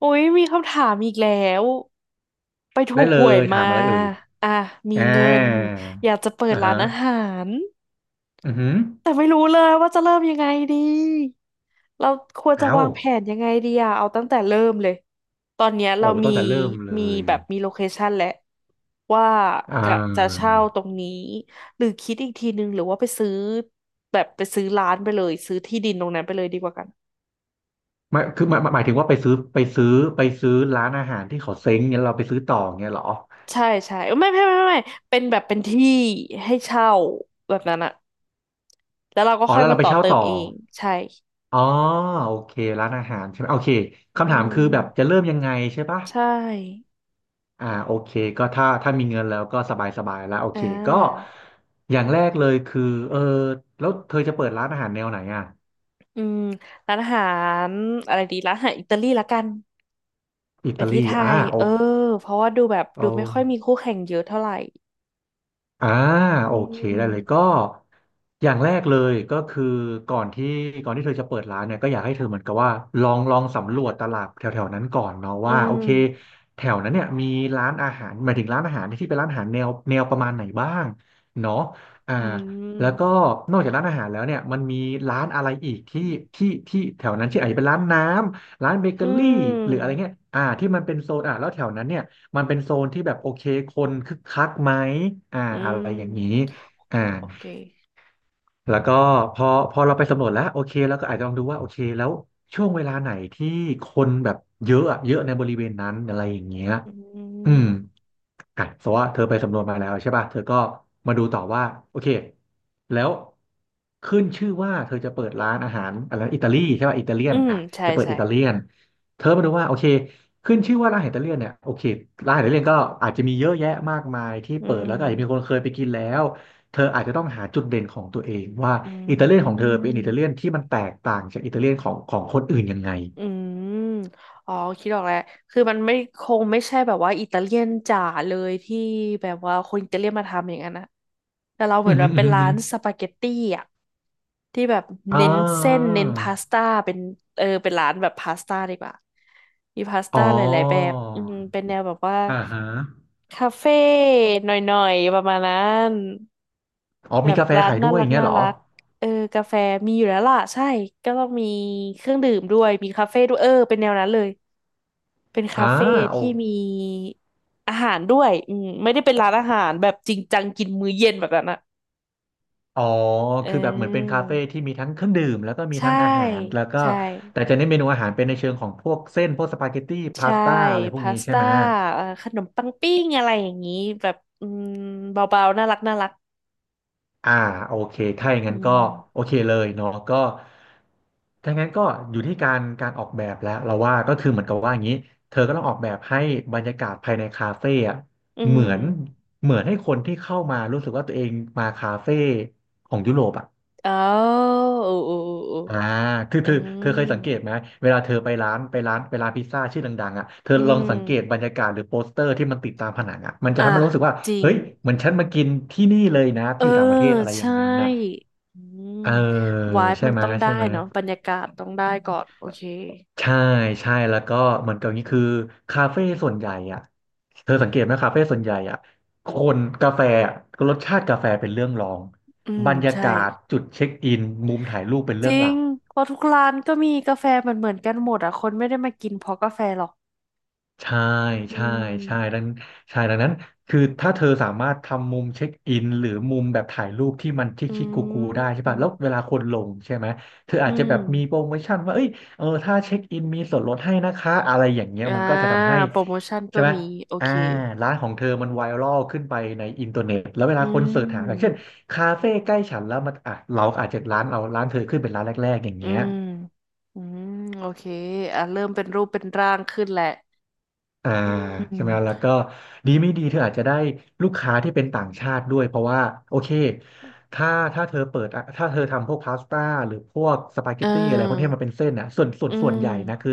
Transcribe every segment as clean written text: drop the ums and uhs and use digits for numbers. โอ้ยมีคำถามอีกแล้วไปถูได้กเลหวยยถามามอะไรเอ่ยอ่ะมีอ่าเงินอยากจะเปิดอ่าร้าฮะนอาหารอือหือแต่ไม่รู้เลยว่าจะเริ่มยังไงดีเราควรจะอ้าววางแผนยังไงดีอะเอาตั้งแต่เริ่มเลยตอนเนี้ยโอ้เรามีตั้งแต่เริ่มเลมียแบบมีโลเคชันแล้วว่าอ่กะจะาเช่าตรงนี้หรือคิดอีกทีนึงหรือว่าไปซื้อแบบไปซื้อร้านไปเลยซื้อที่ดินตรงนั้นไปเลยดีกว่ากัน ไม่คือหมายถึงว่าไปซื้อร้านอาหารที่เขาเซ้งเนี่ยเราไปซื้อต่อเงี้ยเหรอใช่ใช่เอ้ยไม่ไม่ไม่ไม่ไม่เป็นแบบเป็นที่ให้เช่าแบบนั้นอะแล้วเราก็อ๋อค่อยแล้วมาเราไปต่อเช่าเติมต่อเองใช่อ๋อโอเคร้านอาหารใช่ไหมโอเคอืคำถามคือแบบจะมเริ่มยังไงใช่ปะใช่อ่าโอเคก็ถ้ามีเงินแล้วก็สบายสบายแล้วโออ่เคก็าอย่างแรกเลยคือเออแล้วเธอจะเปิดร้านอาหารแนวไหนอ่ะอืมร้านอาหารอะไรดีร้านอาหารอิตาลีละกันอิไปตาที่ลีไทอ่ายโอ เออเพราะว่าดูแบบเอาดูไม่ค่อยมีคู่แข่งเยอะเท่าไหร่อ่าอืโอเคได้เลยก็มอย่างแรกเลยก็คือก่อนที่ก่อนที่เธอจะเปิดร้านเนี่ยก็อยากให้เธอเหมือนกับว่าลองสำรวจตลาดแถวๆนั้นก่อนเนาะอืว่าโอมเคแถวนั้นเนี่ยมีร้านอาหารหมายถึงร้านอาหารที่เป็นร้านอาหารแนวประมาณไหนบ้างเนาะอ่าอืแล้วก็มนอกจากร้านอาหารแล้วเนี่ยมันมีร้านอะไรอีกที่ที่แถวนั้นที่อาจจะเป็นร้านน้ำร้านเบเกอือรี่หรืออะไรมเงี้ยอ่าที่มันเป็นโซนอ่าแล้วแถวนั้นเนี่ย มันเป็นโซนที่แบบโอเคคนคึกคักไหมอ่าอือะไรอย่างนี้มอ่าโอเคแล้วก็พอพอเราไปสำรวจแล้วโอเคแล้วก็อาจจะลองดูว่าโอเคแล้วช่วงเวลาไหนที่คนแบบเยอะอะเยอะในบริเวณนั้นอะไรอย่างเงี้ย อือืมมอ่ะสมมติว่าเธอไปสำรวจมาแล้วใช่ป่ะเธอก็มาดูต่อว่าโอเคแล้วขึ้นชื่อว่าเธอจะเปิดร้านอาหารอะไรอิตาลีใช่ป่ะอิตาเลียอืนมอ่ะใช่จะเปิดใช่อิตาเลียนเธอมาดูว่าโอเคขึ้นชื่อว่าร้านอหาิตาเลียนเนี่ยโอเคร้านออิตาเลียนก็อาจจะมีเยอะแยะมากมายที่อืเปิดแล้มวก็อาจจะมีคนเคยไปกินแล้วเธออาจจะต้องหาจุดเด่นของตัวเองว่าอิตาเลีอืยนของเธอเป็นอิตาเลียนม ที่มันแตกต่างจากอิตาเลียนของคนอื่นยังไงอืมอ๋อคิดออกแล้วคือมันไม่คงไม่ใช่แบบว่าอิตาเลียนจ๋าเลยที่แบบว่าคนอิตาเลียนมาทำอย่างนั้นนะแต่เราเหอืมือมอนแบหืบมอเป็นอืมอร้าหือนสปาเกตตี้อ่ะที่แบบอ่เน้นเส้นาเน้นพาสต้าเป็นเป็นร้านแบบพาสต้าดีกว่ามีพาสอ๋ต้าอ หลายๆแบบอืมเป็นแนวแบบว่าอ่าฮะคาเฟ่หน่อยๆประมาณนั้น อ๋อแบมีบกาแฟร้านขายน่าด้วยรัอกย่างเงี้ยน่าเหรอรักเออกาแฟมีอยู่แล้วล่ะใช่ก็ต้องมีเครื่องดื่มด้วยมีคาเฟ่ด้วยเออเป็นแนวนั้นเลยเป็นคาอ่าเฟ่โอที่มีอาหารด้วยอืมไม่ได้เป็นร้านอาหารแบบจริงจังกินมื้อเย็นแบบนั้นอ่ะอ๋อ เอคือแบบเหมือนเป็นอคาเฟ่ที่มีทั้งเครื่องดื่มแล้วก็มีใช่ทั้งอาหารแล้วก็ใช่แต่จะเน้นเมนูอาหารเป็นในเชิงของพวกเส้นพวกสปาเกตตี้พาใช่สต้าอะไรพวกพานี้สใช่ต้าไหมขนมปังปิ้งอะไรอย่างนี้แบบอืมเบาๆน่ารักน่ารักอ่าโอเคถ้าอย่างอืนั้นก็โอมเคเลยเนาะก็ถ้างั้นก็อยู่ที่การออกแบบแล้วเราว่าก็คือเหมือนกับว่าอย่างนี้เธอก็ต้องออกแบบให้บรรยากาศภายในคาเฟ่อะอืเหมืมอนเหมือนให้คนที่เข้ามารู้สึกว่าตัวเองมาคาเฟ่ของยุโรปอะ อ๋อโอ้โอ้โอ้อ่าคือโอ้อืเธอเธมอเคยสังเกตไหมเวลาเธอไปร้านพิซซ่าชื่อดังๆอ่ะเธออืลองสังเกตม บรรยากาศหรือโปสเตอร์ที่มันติดตามผนังอ่ะมันจะอ่ะทำให้เรารู้สึกว่า จริงเฮ้ยเหมือนฉันมากินที่นี่เลยนะเอที่ออยู่ต่างประเทศอะไรอย่าใช่งนั้นน่ะอืมเออวายมันต้องได้ใช่ไหมเนาะบรรยากาศต้องได้ก่อนโอเคใช่ใช่แล้วก็เหมือนกับนี้คือคาเฟ่ส่วนใหญ่อ่ะเธอสังเกตไหมคาเฟ่ส่วนใหญ่อ่ะคนกาแฟอะรสชาติกาแฟเป็นเรื่องรองอืมบรรยาใช่กาศจุดเช็คอินมุมถ่ายรูปเป็นจเรื่องริหลังก เพราะทุกร้านก็มีกาแฟเหมือนเหมือนกันหมดอ่ะคนไม่ได้มากินเพราะกาแฟหรอกใช่อืใช่ใช่มดังใช่ดังนั้นคือถ้าเธอสามารถทำมุมเช็คอินหรือมุมแบบถ่ายรูปที่มันชิคอืชิคกูกูได้ใช่มป่ะแล้วเวลาคนลงใช่ไหมเธออือาจจะแบบมีโปรมโมชั่นว่าเอ้ยเออถ้าเช็คอินมีส่วนลดให้นะคะอะไรอย่างเงี้ยอ่ามันก็จะทำให้โปรโมชั่นใช่ก็ไหมมีโออ่าเคร้านของเธอมันไวรัลขึ้นไปในอินเทอร์เน็ตแล้วเวอืลาคนเสิร์ชหาอย่างเช่นมคาเฟ่ใกล้ฉันแล้วมันอ่ะเราอาจจะร้านเธอขึ้นเป็นร้านแรกๆอย่างอืเงี้ย มอืมโอเคอ่ะเริ่มเป็นรูปเป็นร่างขึ้นแหละอ่าอืใช่ไหมแล้มวก็ดีไม่ดีเธออาจจะได้ลูกค้าที่เป็นต่างชาติด้วยเพราะว่าโอเคถ้าถ้าเธอเปิดอ่ะถ้าเธอทำพวกพาสต้าหรือพวกสปาเกเตตี้อะไรพวกที่ออมันเป็นเส้นนะส่วนส่วนอืส่วนม ใหญ่นะคือ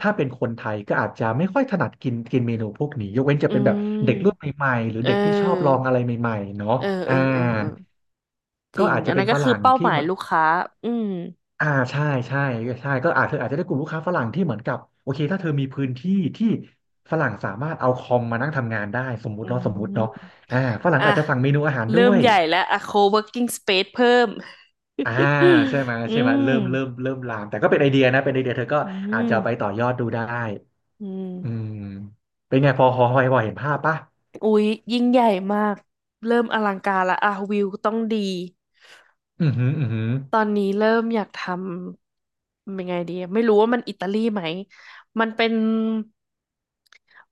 ถ้าเป็นคนไทยก็อาจจะไม่ค่อยถนัดกินกินเมนูพวกนี้ยกเว้นจะอืเป็นแบบเด็กรุ่นมใหม่ๆหรือเเด็กที่ชอบลออองอะไรใหม่ๆเนาะเออ เออ่าอ เออ เออ จก็ริง อาจจะอันเป็นั้นนฝก็คือรั่งเป้าหที่ มายลูกค้าอืม อ่าใช่ใช่ใช่ก็อาจเธออาจจะได้กลุ่มลูกค้าฝรั่งที่เหมือนกับโอเคถ้าเธอมีพื้นที่ที่ฝรั่งสามารถเอาคอมมานั่งทำงานได้สมมุอืติเนาะสมมุมติเนาะอ่าฝรั่งอ่ะก็อาจจะสั่งเมนูอาหารด้เริ่วมยใหญ่แล้วอ่ะ co-working space เพิ่ม อ่าใช่ไหม อืใช่ไหมม เริ่มลามแต่ก็เป็นไอเดียนะเป็นไอเดียเธอก็อือาจจะเอาไปม ต่อยอดดูได้อือืม มเป็นไงพอเห็นภาพปะอุ๊ยยิ่งใหญ่มาก เริ่มอลังการละอ่ะวิวต้องดี อือหืออือหือตอนนี้เริ่มอยากทำยังไงดีไม่รู้ว่ามันอิตาลีไหมมันเป็น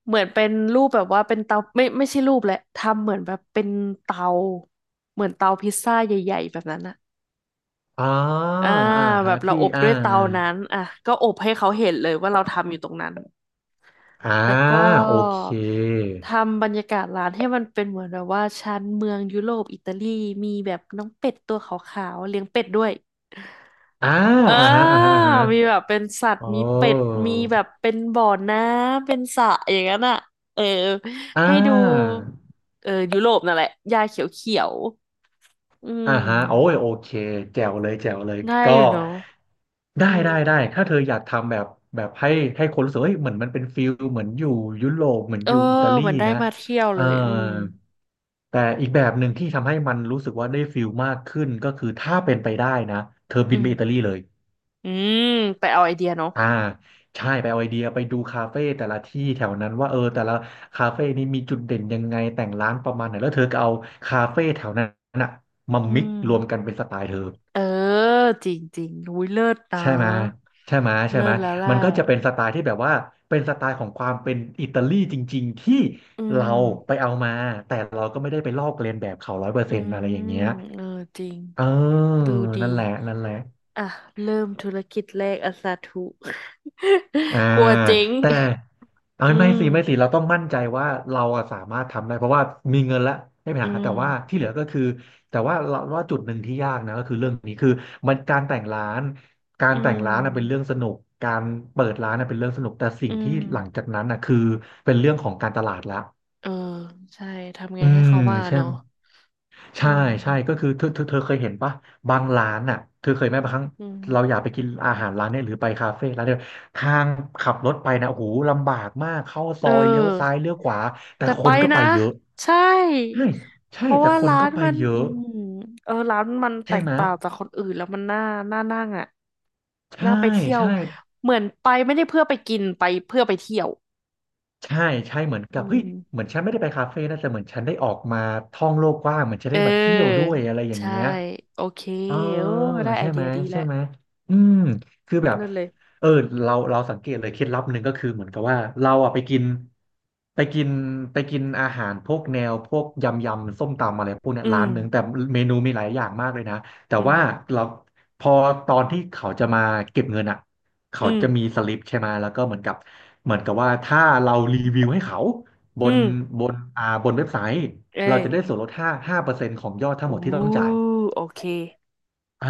เหมือนเป็นรูปแบบว่าเป็นเตาไม่ใช่รูปแหละทำเหมือนแบบเป็นเตาเหมือนเตาพิซซ่าใหญ่ๆแบบนั้นอะอ๋ออ่าอ่าแบฮะบเราที่อบอ่าด้วยเตานั้นอ่ะก็อบให้เขาเห็นเลยว่าเราทำอยู่ตรงนั้นอ่าแล้วก็โอเคทำบรรยากาศร้านให้มันเป็นเหมือนแบบว่าชั้นเมืองยุโรปอิตาลีมีแบบน้องเป็ดตัวขาวๆเลี้ยงเป็ดด้วย อ่าเอออ่าฮะอ่าฮะอ่าฮะมีแบบเป็นสัตว์โอ้ มีเป็ดมีแบบเป็นบ่อน้ำเป็นสระอย่างนั้นอ่ะเอออ่าให้ดูเออยุโรปนั่นแหละหญ้าเขียวๆอือ่ามฮะโอ้ยโอเค แจ๋วเลยแจ๋วเลยได้ก็อยู่เนาะได้อืได้มได้ถ้าเธออยากทำแบบแบบให้คนรู้สึกเฮ้ยเหมือนมันเป็นฟิลเหมือนอยู่ยุโรปเหมือนเอออยู่อิตาลีเหมือนได้นะมาเที่ยวเอ่เลอยอืมแต่อีกแบบหนึ่งที่ทำให้มันรู้สึกว่าได้ฟิลมากขึ้นก็คือถ้าเป็นไปได้นะ เธออืบินไปอิตามลีเลย อืมไปเอาไอเดียเนาะอ่าใช่ไปเอาไอเดียไปดูคาเฟ่แต่ละที่แถวนั้นว่าเออแต่ละคาเฟ่นี้มีจุดเด่นยังไงแต่งร้านประมาณไหนแล้วเธอก็เอาคาเฟ่แถวนั้นน่ะมาอืมิกมซ์รวมกันเป็นสไตล์เธอเออจริงๆอุ้ยเลิศนะใช่ไหมใช่ไหมใช่เลิไหมศแล้วแหละมันก็จะเป็นสไตล์ที่แบบว่าเป็นสไตล์ของความเป็นอิตาลีจริงๆที่อืเราไปมเอามาแต่เราก็ไม่ได้ไปลอกเลียนแบบเขาร้อยเปอร์อืเซ็นต์อะไรอย่างมเงี้ยเออจริง เออดูดีนั่นแหละนั่นแหละ อ่ะเริ่มธุรกิจแรกอะสาธุ อ่า กลัวเจ๊งแต่เออืยไม่มสิไม่สิเราต้องมั่นใจว่าเราอะสามารถทำได้เพราะว่ามีเงินแล้วไม่มีอืปัญหามแต่ว่าที่เหลือก็คือแต่ว่าเราว่าจุดหนึ่งที่ยากนะก็คือเรื่องนี้คือมันการแต่งร้านกาอืรแต่งร้านน่ะเป็นเรื่องมสนุกการเปิดร้านน่ะเป็นเรื่องสนุกแต่สิ่อืงที่มหลังจากนั้นน่ะคือเป็นเรื่องของการตลาดละเออใช่ทำไงอืให้มเขามาใช่ เนาะอืใช่ใช่ก็มคือเธอเคยเห็นปะบางร้านอ่ะเธอเคยไหมบางครั้งอืเราอยามกไปกินอาหารร้านเนี้ยหรือไปคาเฟ่ร้านเนี่ยทางขับรถไปนะโอ้โหลำบากมากเข้าซเอยเลี้ยวซ้าออยเลี้ยวขวาแต่แต่คไปนก็ไปนะเยอะใช่ใช่ใช่เพราะแต่ว่าคนร้าก็นไปมันเยอือะมเออร้านมันแตใช่กไหมต่างจากคนอื่นแล้วมันน่าน่านั่งอ่ะใช่น่าไปเที่ยวใช่เหมือนไปไม่ได้เพื่อไปกินไปเพื่อไปเที่ยวใช่ใช่เหมือนกัอืบเฮ้ยม เหมือนฉันไม่ได้ไปคาเฟ่นะแต่เหมือนฉันได้ออกมาท่องโลกกว้างเหมือนฉันเได้มาเที่ยวออด้วยอะไรอย่างใช่เงี้ย โอเคเออโอ้ได้ไอใช่เดีไหมยดีใช่แล้วไหมอืมคือแบบเลิศเลยเออเราสังเกตเลยเคล็ดลับหนึ่งก็คือเหมือนกับว่าเราอะไปกินไปกินอาหารพวกแนวพวกยำยำส้มตำอะไรพวกเนี้อืยร้ามนหนึ่งแต่เมนูมีหลายอย่างมากเลยนะแต่อืมว่าเราพอตอนที่เขาจะมาเก็บเงินอ่ะอืเขามจะมีสลิปใช่ไหมแล้วก็เหมือนกับเหมือนกับว่าถ้าเรารีวิวให้เขาบอืนมบนเว็บไซต์เอ้เรายจะได้ส่วนลดห้าเปอร์เซ็นต์ของยอดทั้โองหมดที่ต้อง้จ่าย โอเคอ่า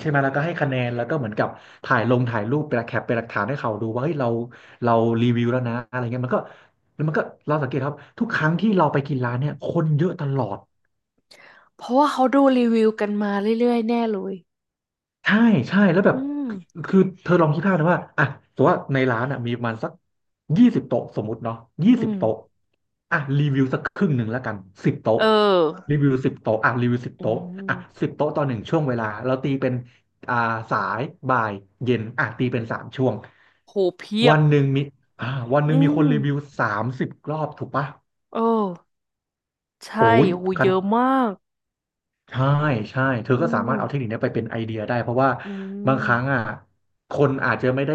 ใช่ไหมแล้วก็ให้คะแนนแล้วก็เหมือนกับถ่ายลงถ่ายรูปเป็นแคปเป็นหลักฐานให้เขาดูว่าเฮ้ยเรารีวิวแล้วนะอะไรเงี้ยมันก็แล้วมันก็เราสังเกตครับทุกครั้งที่เราไปกินร้านเนี่ยคนเยอะตลอด เพราะว่าเขาดูรีวิวกันมาเรื่อยๆแน่เลยใช่ใช่แล้วแบอืบมคือเธอลองคิดภาพนะว่าอ่ะสมมติว่าในร้านอ่ะมีประมาณสักยี่สิบโต๊ะสมมุติเนาะยี่อืสิบมโต๊ะอ่ะรีวิวสักครึ่งหนึ่งแล้วกันสิบโต๊ะเออรีวิวสิบโต๊ะอ่ะรีวิวสิบอืโต๊ะมอ่ะสิบโต๊ะต่อหนึ่งช่วงเวลาเราตีเป็นอ่าสายบ่ายเย็นอ่ะตีเป็น3 ช่วงโหเพียวับนหนึ่งมีวันหอืนึ่งมีคมนรีวิว30 รอบถูกปะเออใชโอ้่ยโหกัเยน อะมากใช่ใช่เธออืก็สามารถเอาเทคมนิคเนี้ยไปเป็นไอเดียได้เพราะว่าอืบางครั้งม อ่ะคนอาจจะไม่ได้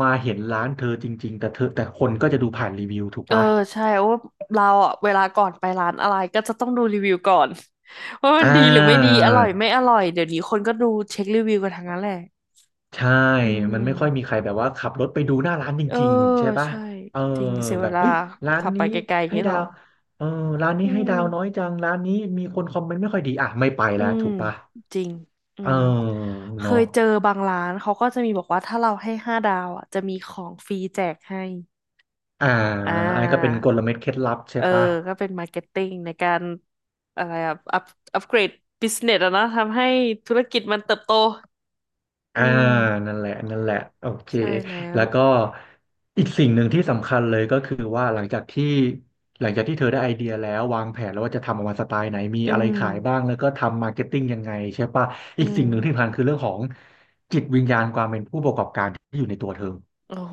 มาเห็นร้านเธอจริงๆแต่เธอแต่คนก็จะดูผ่านรีวิวถูกเออปะใช่ว่าเราอ่ะเวลาก่อนไปร้านอะไรก็จะต้องดูรีวิวก่อน ว่ามัอ่นดีหรือไม่ดีาอร่อยไม่อร่อยเดี๋ยวนี้คนก็ดูเช็ครีวิวกันทั้งนั้นแหละใช่อืมมันไม่ค่อยมีใครแบบว่าขับรถไปดูหน้าร้านจเออริงๆใช่ปะใช่เออจริงเสียแบเวบลาเฮ้ยร้านขับไปนี้ไกลๆอย่างให้นี้หรดาอวเออร้านนี้อืให้มดาวน้อยจังร้านนี้มีคนคอมเมนต์ไม่ค่อยดีอ่ะไม่ไปอืแล้วมถูกปะจริงอืเออมเคเนาะยเจอบางร้านเขาก็จะมีบอกว่าถ้าเราให้5 ดาวอ่ะจะมีของฟรีแจกให้อ่าอ่อันนี้ก็เป็นา กลเม็ดเคล็ดลับใช่เออปะ ก็เป็นมาร์เก็ตติ้งในการอะไรอะอัพเกรดบิสเนสอะนะทำให้ธุรกิจมันเติบโตอือ่ามนั่นแหละนั่นแหละโอเคใช่แล้แล้ววก็อีกสิ่งหนึ่งที่สำคัญเลยก็คือว่าหลังจากที่เธอได้ไอเดียแล้ววางแผนแล้วว่าจะทำออกมาสไตล์ไหนมีอือะไรมขายบ้างแล้วก็ทำมาร์เก็ตติ้งยังไงใช่ปะอือีกมสิ่งหนึ่งที่สำคัญคือเรื่องของจิตวิญญาณความเป็นผู้ประกอบการที่อยู่ในตัวเธอ โอ้โห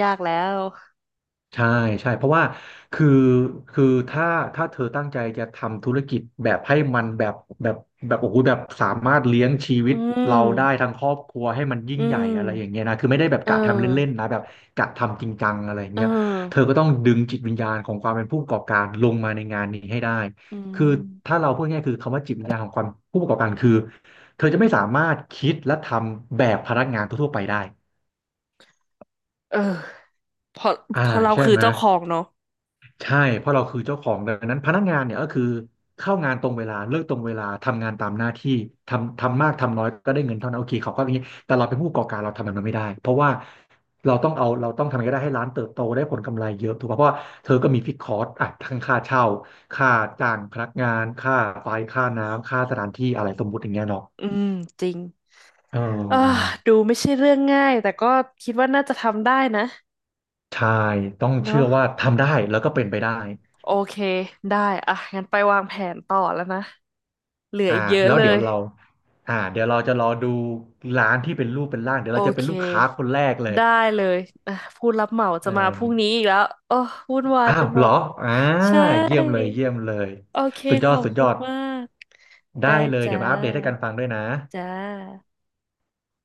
ยากแล้วใช่ใช่เพราะว่าคือคือถ้าเธอตั้งใจจะทำธุรกิจแบบให้มันแบบแบบแบบโอ้โหแบบสามารถเลี้ยงชีวิอืตมเราได้ทั้งครอบครัวให้มันยิ่อืงใหญ่มอะไรอย่างเงี้ยนะคือไม่ได้แบบเอกะทำเล่นอๆนะแบบกะทำจริงจังอะไรอย่างเอเงี้ยเธออก็ต้องดึงจิตวิญญาณของความเป็นผู้ประกอบการลงมาในงานนี้ให้ได้อืคือถ้ามเราพูดง่ายๆคือคำว่าจิตวิญญาณของความผู้ประกอบการคือเธอจะไม่สามารถคิดและทำแบบพนักงานทั่วๆไปได้เออพออ่าพอเราใช่คือไหม เจ้าของเนาะใช่เพราะเราคือเจ้าของดังนั้นพนักงานเนี่ยก็คือเข้างานตรงเวลาเลิกตรงเวลาทำงานตามหน้าที่ทำมากทำน้อยก็ได้เงินเท่านั้นโอเคเขาก็อย่างนี้แต่เราเป็นผู้ประกอบการเราทำแบบนั้นไม่ได้เพราะว่าเราต้องเอาเราต้องทำยังไงก็ได้ให้ร้านเติบโตได้ผลกำไรเยอะถูกป่ะเพราะว่าเธอก็มีฟิกคอร์สอ่ะทั้งค่าเช่าค่าจ้างพนักงานค่าไฟค่าน้ำค่าสถานที่อะไรสมมุติอย่างเงี้ยเนาะอืมจริงเเออออดูไม่ใช่เรื่องง่ายแต่ก็คิดว่าน่าจะทำได้นะใช่ต้องเนาะเชื่อว่าทำได้แล้วก็เป็นไปได้ โอเคได้อ่ะงั้นไปวางแผนต่อแล้วนะ เหลืออ่าอีกเยอะแล้วเลเดี๋ยวยเราอ่าเดี๋ยวเราจะรอดูร้านที่เป็นรูปเป็นร่างเดี๋ยวโอเราจะเป็เคนลูกค้าคนแรกเลยได้เลยอ่ะผู้รับเหมาจะอ่มาพรุ่งนี้าอีกแล้วโอ้วุ่นวายอ้าไปวหมเหรอดอ่าใช่เยี่ยมเลยเยี่ยมเลยโอเคสุดยขอดอบสุดยคุอณดมากได้ได้เลยจ้เดี๋ยวมาอัปเดตให้กันาฟังด้วยนะจ้า